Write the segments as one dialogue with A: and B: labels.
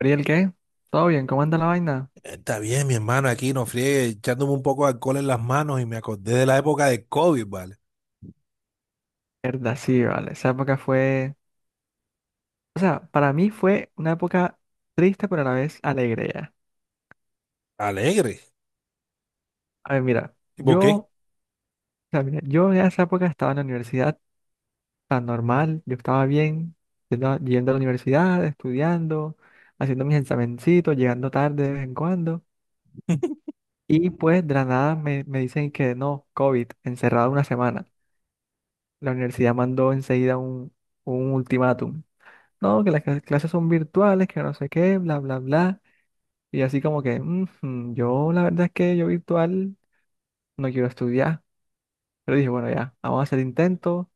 A: ¿Ariel qué? ¿Todo bien? ¿Cómo anda la vaina?
B: Está bien, mi hermano, aquí no friegue, echándome un poco de alcohol en las manos y me acordé de la época de COVID, ¿vale?
A: Verdad, sí, vale. Esa época fue... O sea, para mí fue una época triste, pero a la vez alegre ya.
B: Alegre.
A: A ver, mira,
B: ¿Y por
A: yo...
B: qué?
A: O sea, mira, yo en esa época estaba en la universidad tan normal, yo estaba bien, yendo a la universidad, estudiando, haciendo mis examencitos, llegando tarde de vez en cuando. Y pues de la nada me dicen que no, COVID, encerrado una semana. La universidad mandó enseguida un ultimátum. No, que las clases son virtuales, que no sé qué, bla, bla, bla. Y así como que, "Ujú, yo la verdad es que yo virtual no quiero estudiar. Pero dije, bueno, ya, vamos a hacer intentos,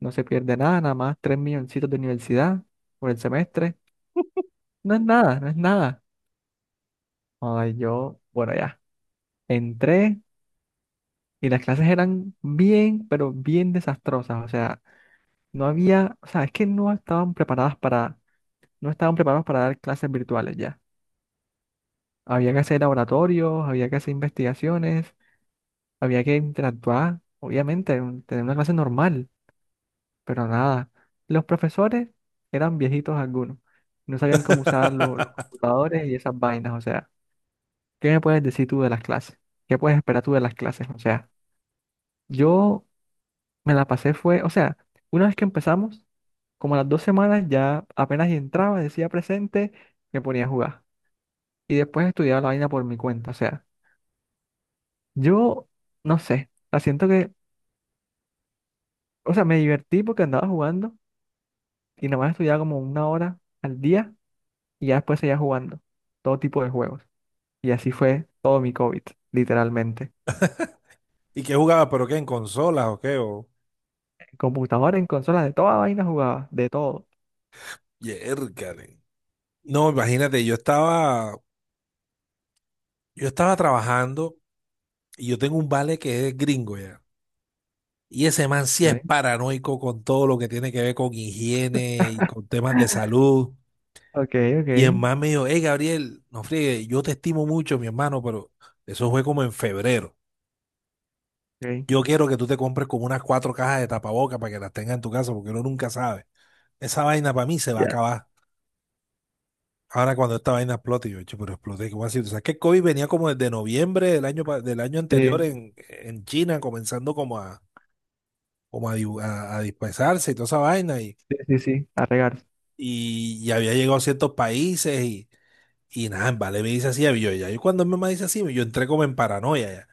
A: no se pierde nada, nada más tres milloncitos de universidad por el semestre. No es nada, no es nada. Ay, yo, bueno, ya, entré y las clases eran bien, pero bien desastrosas. O sea, no había, o sea, es que no estaban preparadas para, no estaban preparados para dar clases virtuales ya. Había que hacer laboratorios, había que hacer investigaciones. Había que interactuar, obviamente, tener una clase normal, pero nada. Los profesores eran viejitos algunos, no sabían cómo usar los, computadores y esas vainas, o sea, ¿qué me puedes decir tú de las clases? ¿Qué puedes esperar tú de las clases? O sea, yo me la pasé fue, o sea, una vez que empezamos, como a las dos semanas ya apenas entraba, decía presente, me ponía a jugar. Y después estudiaba la vaina por mi cuenta, o sea, yo no sé, la siento que, o sea, me divertí porque andaba jugando. Y nomás estudiaba como una hora al día y ya después seguía jugando todo tipo de juegos. Y así fue todo mi COVID, literalmente.
B: ¿Y qué jugaba? ¿Pero qué? ¿En consolas o qué? O.
A: En computadora, en consolas, de toda vaina jugaba, de todo.
B: Yércale. No, imagínate, yo estaba trabajando y yo tengo un vale que es gringo ya. Y ese man sí es
A: Ok,
B: paranoico con todo lo que tiene que ver con higiene y con temas de salud.
A: ok, ok.
B: Y el man me dijo, hey Gabriel, no friegue, yo te estimo mucho, mi hermano, pero eso fue como en febrero.
A: Ok.
B: Yo quiero que tú te compres como unas cuatro cajas de tapabocas para que las tengas en tu casa, porque uno nunca sabe. Esa vaina para mí se va a
A: Ya.
B: acabar. Ahora cuando esta vaina explote, yo, "Che, pero explote, ¿cómo así? O sea, que el COVID venía como desde noviembre del año, del año anterior
A: Sí,
B: en, China, comenzando como a dispersarse y toda esa vaina, y,
A: sí, sí, sí, a regar.
B: y había llegado a ciertos países, y nada, en Vale me dice así, yo, ya, yo cuando mi mamá dice así, yo entré como en paranoia.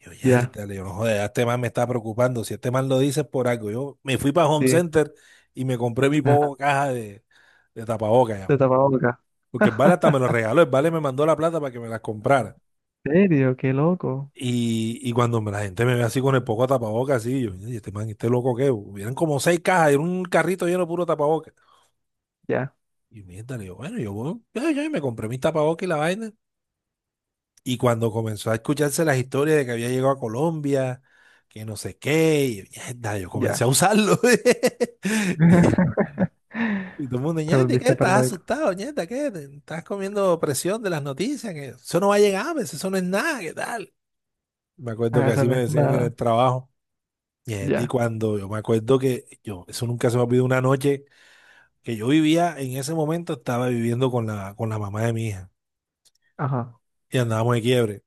B: Yo,
A: Ya,
B: yértale, yo no joder, ya este man me está preocupando. Si este man lo dice es por algo. Yo me fui para Home
A: sí.
B: Center y me compré mi
A: Ajá.
B: poco caja de tapabocas ya.
A: Te tapaba boca.
B: Porque el Vale hasta me lo regaló. El Vale me mandó la plata para que me las comprara.
A: ¿En serio? Qué loco.
B: Y cuando la gente me ve así con el poco de tapabocas, así, yo, "Oye, este man, este loco que, hubieran como seis cajas, era un carrito lleno de puro tapabocas.
A: Ya,
B: Y miértale, yo, bueno, yo, voy, ya, me compré mis tapabocas y la vaina. Y cuando comenzó a escucharse las historias de que había llegado a Colombia, que no sé qué, y mierda, yo comencé
A: ya.
B: a usarlo. Y, y todo el mundo,
A: Te
B: ñate, ¿qué?
A: volviste
B: ¿Estás
A: paranoico.
B: asustado, ñata? ¿Qué? ¿Estás comiendo presión de las noticias? Que eso no va a llegar, pues, eso no es nada, ¿qué tal? Me acuerdo
A: Ah,
B: que
A: eso
B: así
A: no
B: me
A: es
B: decían en
A: nada.
B: el trabajo. Ñeta, y
A: Ya.
B: cuando yo me acuerdo que yo, eso nunca se me olvidó una noche que yo vivía, en ese momento estaba viviendo con con la mamá de mi hija
A: Ajá.
B: y andábamos de quiebre.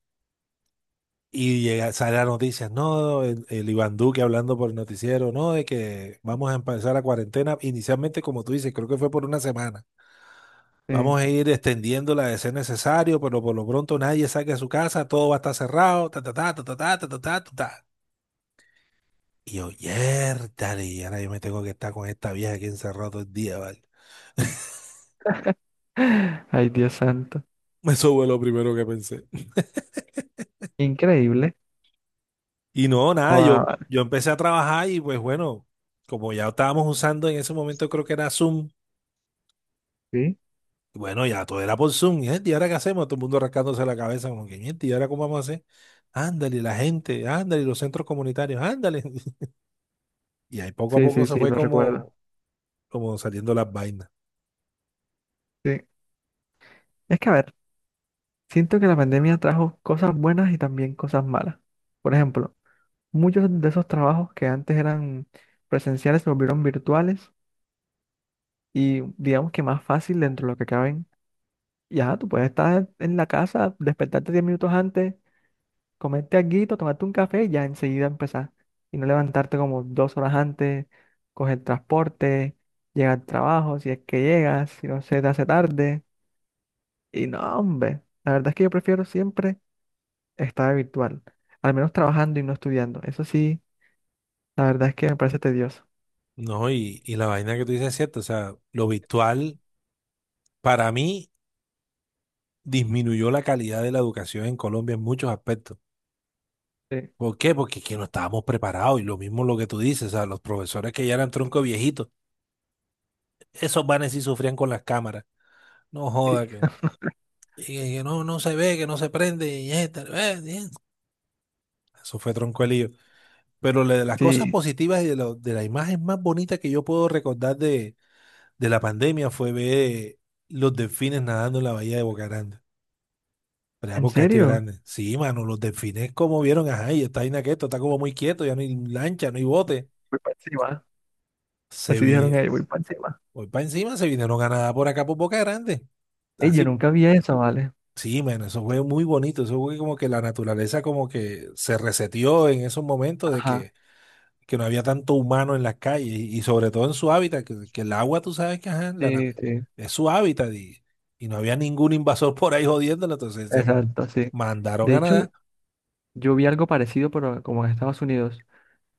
B: Y llega, sale la noticia, no, el Iván Duque hablando por el noticiero, no, de que vamos a empezar la cuarentena, inicialmente como tú dices, creo que fue por una semana.
A: Sí.
B: Vamos a ir extendiéndola de ser necesario, pero por lo pronto nadie saque a su casa, todo va a estar cerrado, ta, ta, ta, ta, ta, ta, ta, ta, ta, ta, ta". Y yo, "Yértale, y ahora yo me tengo que estar con esta vieja aquí encerrado todo el día, ¿vale?
A: Ay, Dios santo.
B: Eso fue lo primero que pensé.
A: Increíble.
B: Y no, nada, yo empecé a trabajar y pues bueno, como ya estábamos usando en ese momento, creo que era Zoom.
A: Sí,
B: Bueno, ya todo era por Zoom. Y, gente, ¿y ahora qué hacemos? Todo el mundo rascándose la cabeza, como que, gente, ¿y ahora cómo vamos a hacer? Ándale, la gente, ándale, los centros comunitarios, ándale. Y ahí poco a
A: sí,
B: poco
A: sí,
B: se
A: sí,
B: fue
A: lo recuerdo.
B: como, saliendo las vainas.
A: Sí. Es que, a ver, siento que la pandemia trajo cosas buenas y también cosas malas. Por ejemplo, muchos de esos trabajos que antes eran presenciales se volvieron virtuales y digamos que más fácil dentro de lo que caben. Ya, tú puedes estar en la casa, despertarte 10 minutos antes, comerte alguito, tomarte un café y ya enseguida empezar. Y no levantarte como 2 horas antes, coger transporte, llegar al trabajo, si es que llegas, si no se te hace tarde. Y no, hombre, la verdad es que yo prefiero siempre estar virtual, al menos trabajando y no estudiando. Eso sí, la verdad es que me parece tedioso.
B: No, y la vaina que tú dices es cierta. O sea, lo virtual, para mí, disminuyó la calidad de la educación en Colombia en muchos aspectos.
A: Sí,
B: ¿Por qué? Porque es que no estábamos preparados. Y lo mismo lo que tú dices, o sea, los profesores que ya eran tronco viejitos, esos vanes sí sufrían con las cámaras. No
A: sí,
B: joda, que. Y que no, no se ve, que no se prende, y esta, bien. Eso fue tronco de lío. Pero la de las cosas
A: sí.
B: positivas y de, de la imagen más bonita que yo puedo recordar de, la pandemia fue ver los delfines nadando en la bahía de Boca Grande, por allá
A: ¿En
B: por Castillo
A: serio?
B: Grande. Sí, mano, los delfines como vieron, ajá, y está ahí esto, está como muy quieto, ya no hay lancha, no hay bote.
A: Voy para encima.
B: Se
A: Así
B: vi,
A: dijeron ellos, voy para encima.
B: hoy para encima se vinieron a nadar por acá por Boca Grande.
A: Ey, yo
B: Así.
A: nunca vi eso, ¿vale?
B: Sí, man, eso fue muy bonito, eso fue como que la naturaleza como que se reseteó en esos momentos de
A: Ajá,
B: que, no había tanto humano en las calles y sobre todo en su hábitat, que el agua tú sabes que ajá,
A: sí, sí,
B: es su hábitat y no había ningún invasor por ahí jodiéndolo, entonces se
A: exacto, sí.
B: mandaron
A: De
B: a
A: hecho,
B: nadar.
A: yo vi algo parecido, pero como en Estados Unidos,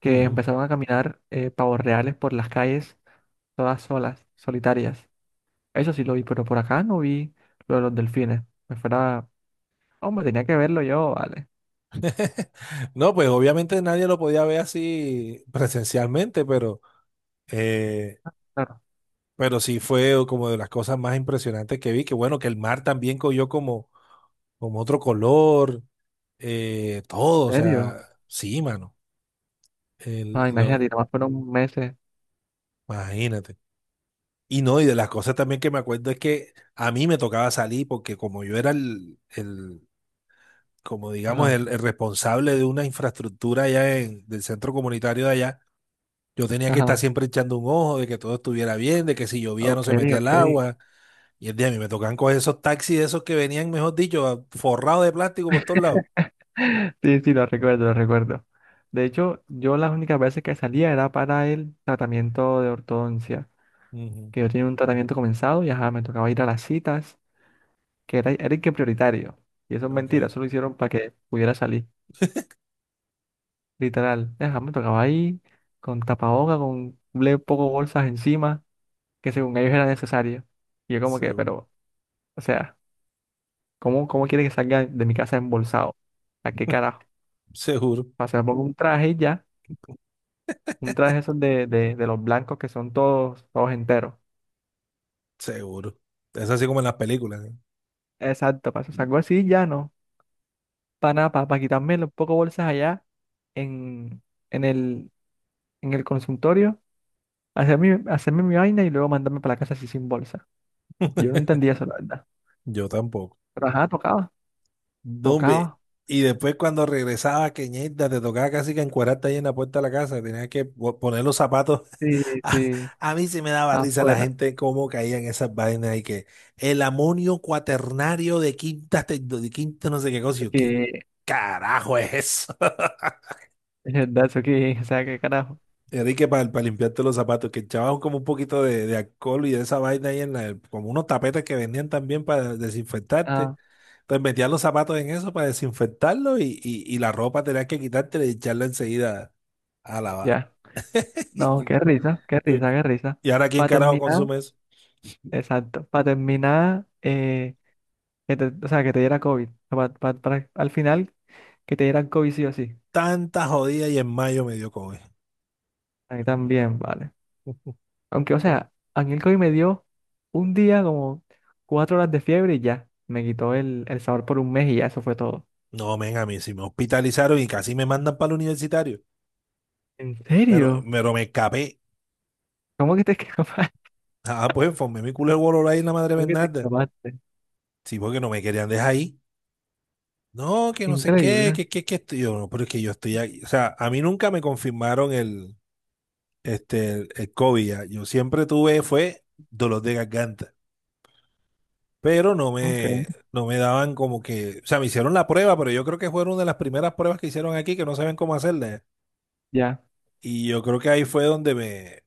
A: que
B: Ujú.
A: empezaron a caminar pavos reales por las calles, todas solas, solitarias. Eso sí lo vi, pero por acá no vi lo de los delfines. Me fuera. Hombre, tenía que verlo yo, vale.
B: No, pues obviamente nadie lo podía ver así presencialmente, eh,
A: Claro,
B: pero sí fue como de las cosas más impresionantes que vi, que bueno, que el mar también cogió como otro color, todo, o
A: ¿en
B: sea,
A: serio?
B: sí, mano, el-
A: Ah, imagínate,
B: lo,
A: nada más fueron meses.
B: imagínate. Y no, y de las cosas también que me acuerdo es que a mí me tocaba salir porque como yo era el como digamos,
A: Ajá,
B: el responsable de una infraestructura allá del centro comunitario de allá, yo tenía que estar
A: ajá.
B: siempre echando un ojo de que todo estuviera bien, de que si llovía no
A: Ok,
B: se metía el
A: ok.
B: agua. Y el día a mí me tocaban coger esos taxis, de esos que venían, mejor dicho, forrados de plástico por todos lados.
A: Sí, sí, lo recuerdo, lo recuerdo. De hecho, yo las únicas veces que salía era para el tratamiento de ortodoncia,
B: Ujú,
A: que yo tenía un tratamiento comenzado y ajá, me tocaba ir a las citas, que era, era el que prioritario. Y eso es
B: ok,
A: mentira, eso lo hicieron para que pudiera salir, literal. Ajá, me tocaba ahí con tapaboca, con un poco bolsas encima, que según ellos era necesario. Y yo como que,
B: seguro.
A: pero, o sea... ¿Cómo, cómo quiere que salga de mi casa embolsado? ¿A qué carajo?
B: Seguro.
A: O sea, me pongo un traje y ya, un traje esos de, de los blancos que son todos, todos enteros.
B: Seguro. Es así como en las películas, ¿eh?
A: Exacto, para eso salgo así y ya no. Para nada, para, quitarme los pocos bolsas allá en, en el, en el consultorio, hacerme mi vaina y luego mandarme para la casa así sin bolsa. Yo no entendía eso, la verdad.
B: Yo tampoco.
A: Pero ajá, tocaba,
B: No, hombre.
A: tocaba.
B: Y después cuando regresaba, que ñerda, te tocaba casi que encuerarte ahí en la puerta de la casa, tenías que poner los zapatos.
A: Sí,
B: A,
A: sí,
B: a mí sí me daba risa la
A: afuera.
B: gente cómo caían esas vainas y que el amonio cuaternario de quinta, de quinta no sé qué cosa, y
A: Eso
B: yo, ¿qué
A: que,
B: carajo es eso?
A: es verdad, eso que, o sea, qué carajo.
B: Enrique, para, limpiarte los zapatos, que echaban como un poquito de alcohol y de esa vaina ahí en la, como unos tapetes que vendían también para desinfectarte.
A: Ah,
B: Entonces metías los zapatos en eso para desinfectarlo y la ropa tenías que quitártela y echarla enseguida a lavar.
A: ya. No, qué risa, qué
B: Yo-
A: risa, qué risa.
B: Y ahora, ¿quién
A: Para
B: carajo
A: terminar,
B: consume eso?
A: exacto, para terminar, que o sea, que te diera COVID. Para, al final, que te dieran COVID sí o sí.
B: Tanta jodida y en mayo me dio COVID.
A: A mí también, vale. Aunque, o sea, a mí el COVID me dio un día como 4 horas de fiebre y ya. Me quitó el sabor por un mes y ya, eso fue todo.
B: No, men, a mí sí me hospitalizaron y casi me mandan para el universitario.
A: ¿En
B: Pero,
A: serio?
B: pero me escapé.
A: ¿Cómo que te escapaste?
B: Ah, pues formé mi culo el bolor ahí en la madre
A: ¿Cómo que te
B: Bernarda.
A: escapaste?
B: Sí, porque no me querían dejar ahí. No, que no sé qué,
A: Increíble.
B: que estoy yo. No, pero es que yo estoy aquí. O sea, a mí nunca me confirmaron el COVID ya. Yo siempre tuve, fue dolor de garganta, pero no
A: Ok.
B: me, no me daban como que, o sea, me hicieron la prueba, pero yo creo que fueron una de las primeras pruebas que hicieron aquí que no saben cómo hacerla. Ya.
A: Ya,
B: Y yo creo que ahí fue donde me, o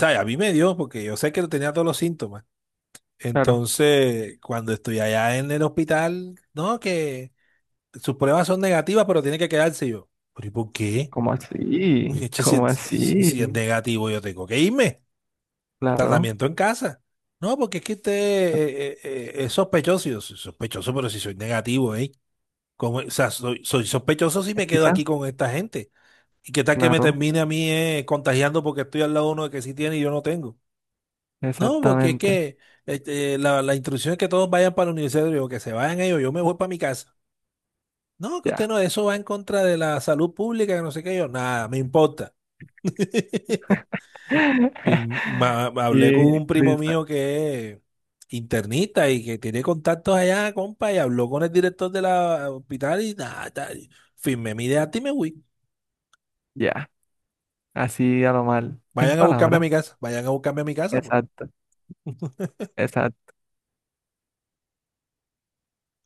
B: sea, a mí me dio, porque yo sé que tenía todos los síntomas.
A: claro.
B: Entonces, cuando estoy allá en el hospital, no, que sus pruebas son negativas, pero tiene que quedarse. Y yo. ¿Pero y por qué?
A: ¿Cómo así?
B: Che, Si,
A: ¿Cómo
B: si
A: así?
B: si es negativo, yo tengo que irme.
A: Claro.
B: Tratamiento en casa. No, porque es que usted es sospechoso. Y yo, "Soy sospechoso, pero si soy negativo, ¿eh? Como, o sea, soy sospechoso si
A: Qué
B: me quedo
A: risa.
B: aquí con esta gente. ¿Y qué tal que me
A: Claro.
B: termine a mí contagiando porque estoy al lado de uno que sí tiene y yo no tengo? No, porque es
A: Exactamente.
B: que la instrucción es que todos vayan para la universidad, yo, que se vayan ellos, yo me voy para mi casa. No, que usted
A: Ya.
B: no, eso va en contra de la salud pública, que no sé qué, yo, nada, me importa. Y hablé con
A: Qué
B: un primo
A: risa.
B: mío que es internista y que tiene contactos allá, compa, y habló con el director de la hospital y nada, tal. Firmé mi idea y me fui.
A: Ya. Así a lo mal. Sin
B: Vayan a buscarme a
A: palabras.
B: mi casa, vayan a buscarme a mi casa, pues.
A: Exacto. Exacto.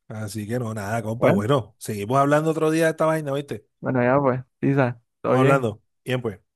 B: Así que no, nada, compa,
A: Bueno,
B: bueno, seguimos hablando otro día de esta vaina, ¿viste?
A: bueno, ya pues. Isa, todo
B: Estamos
A: bien.
B: hablando. Bien, pues.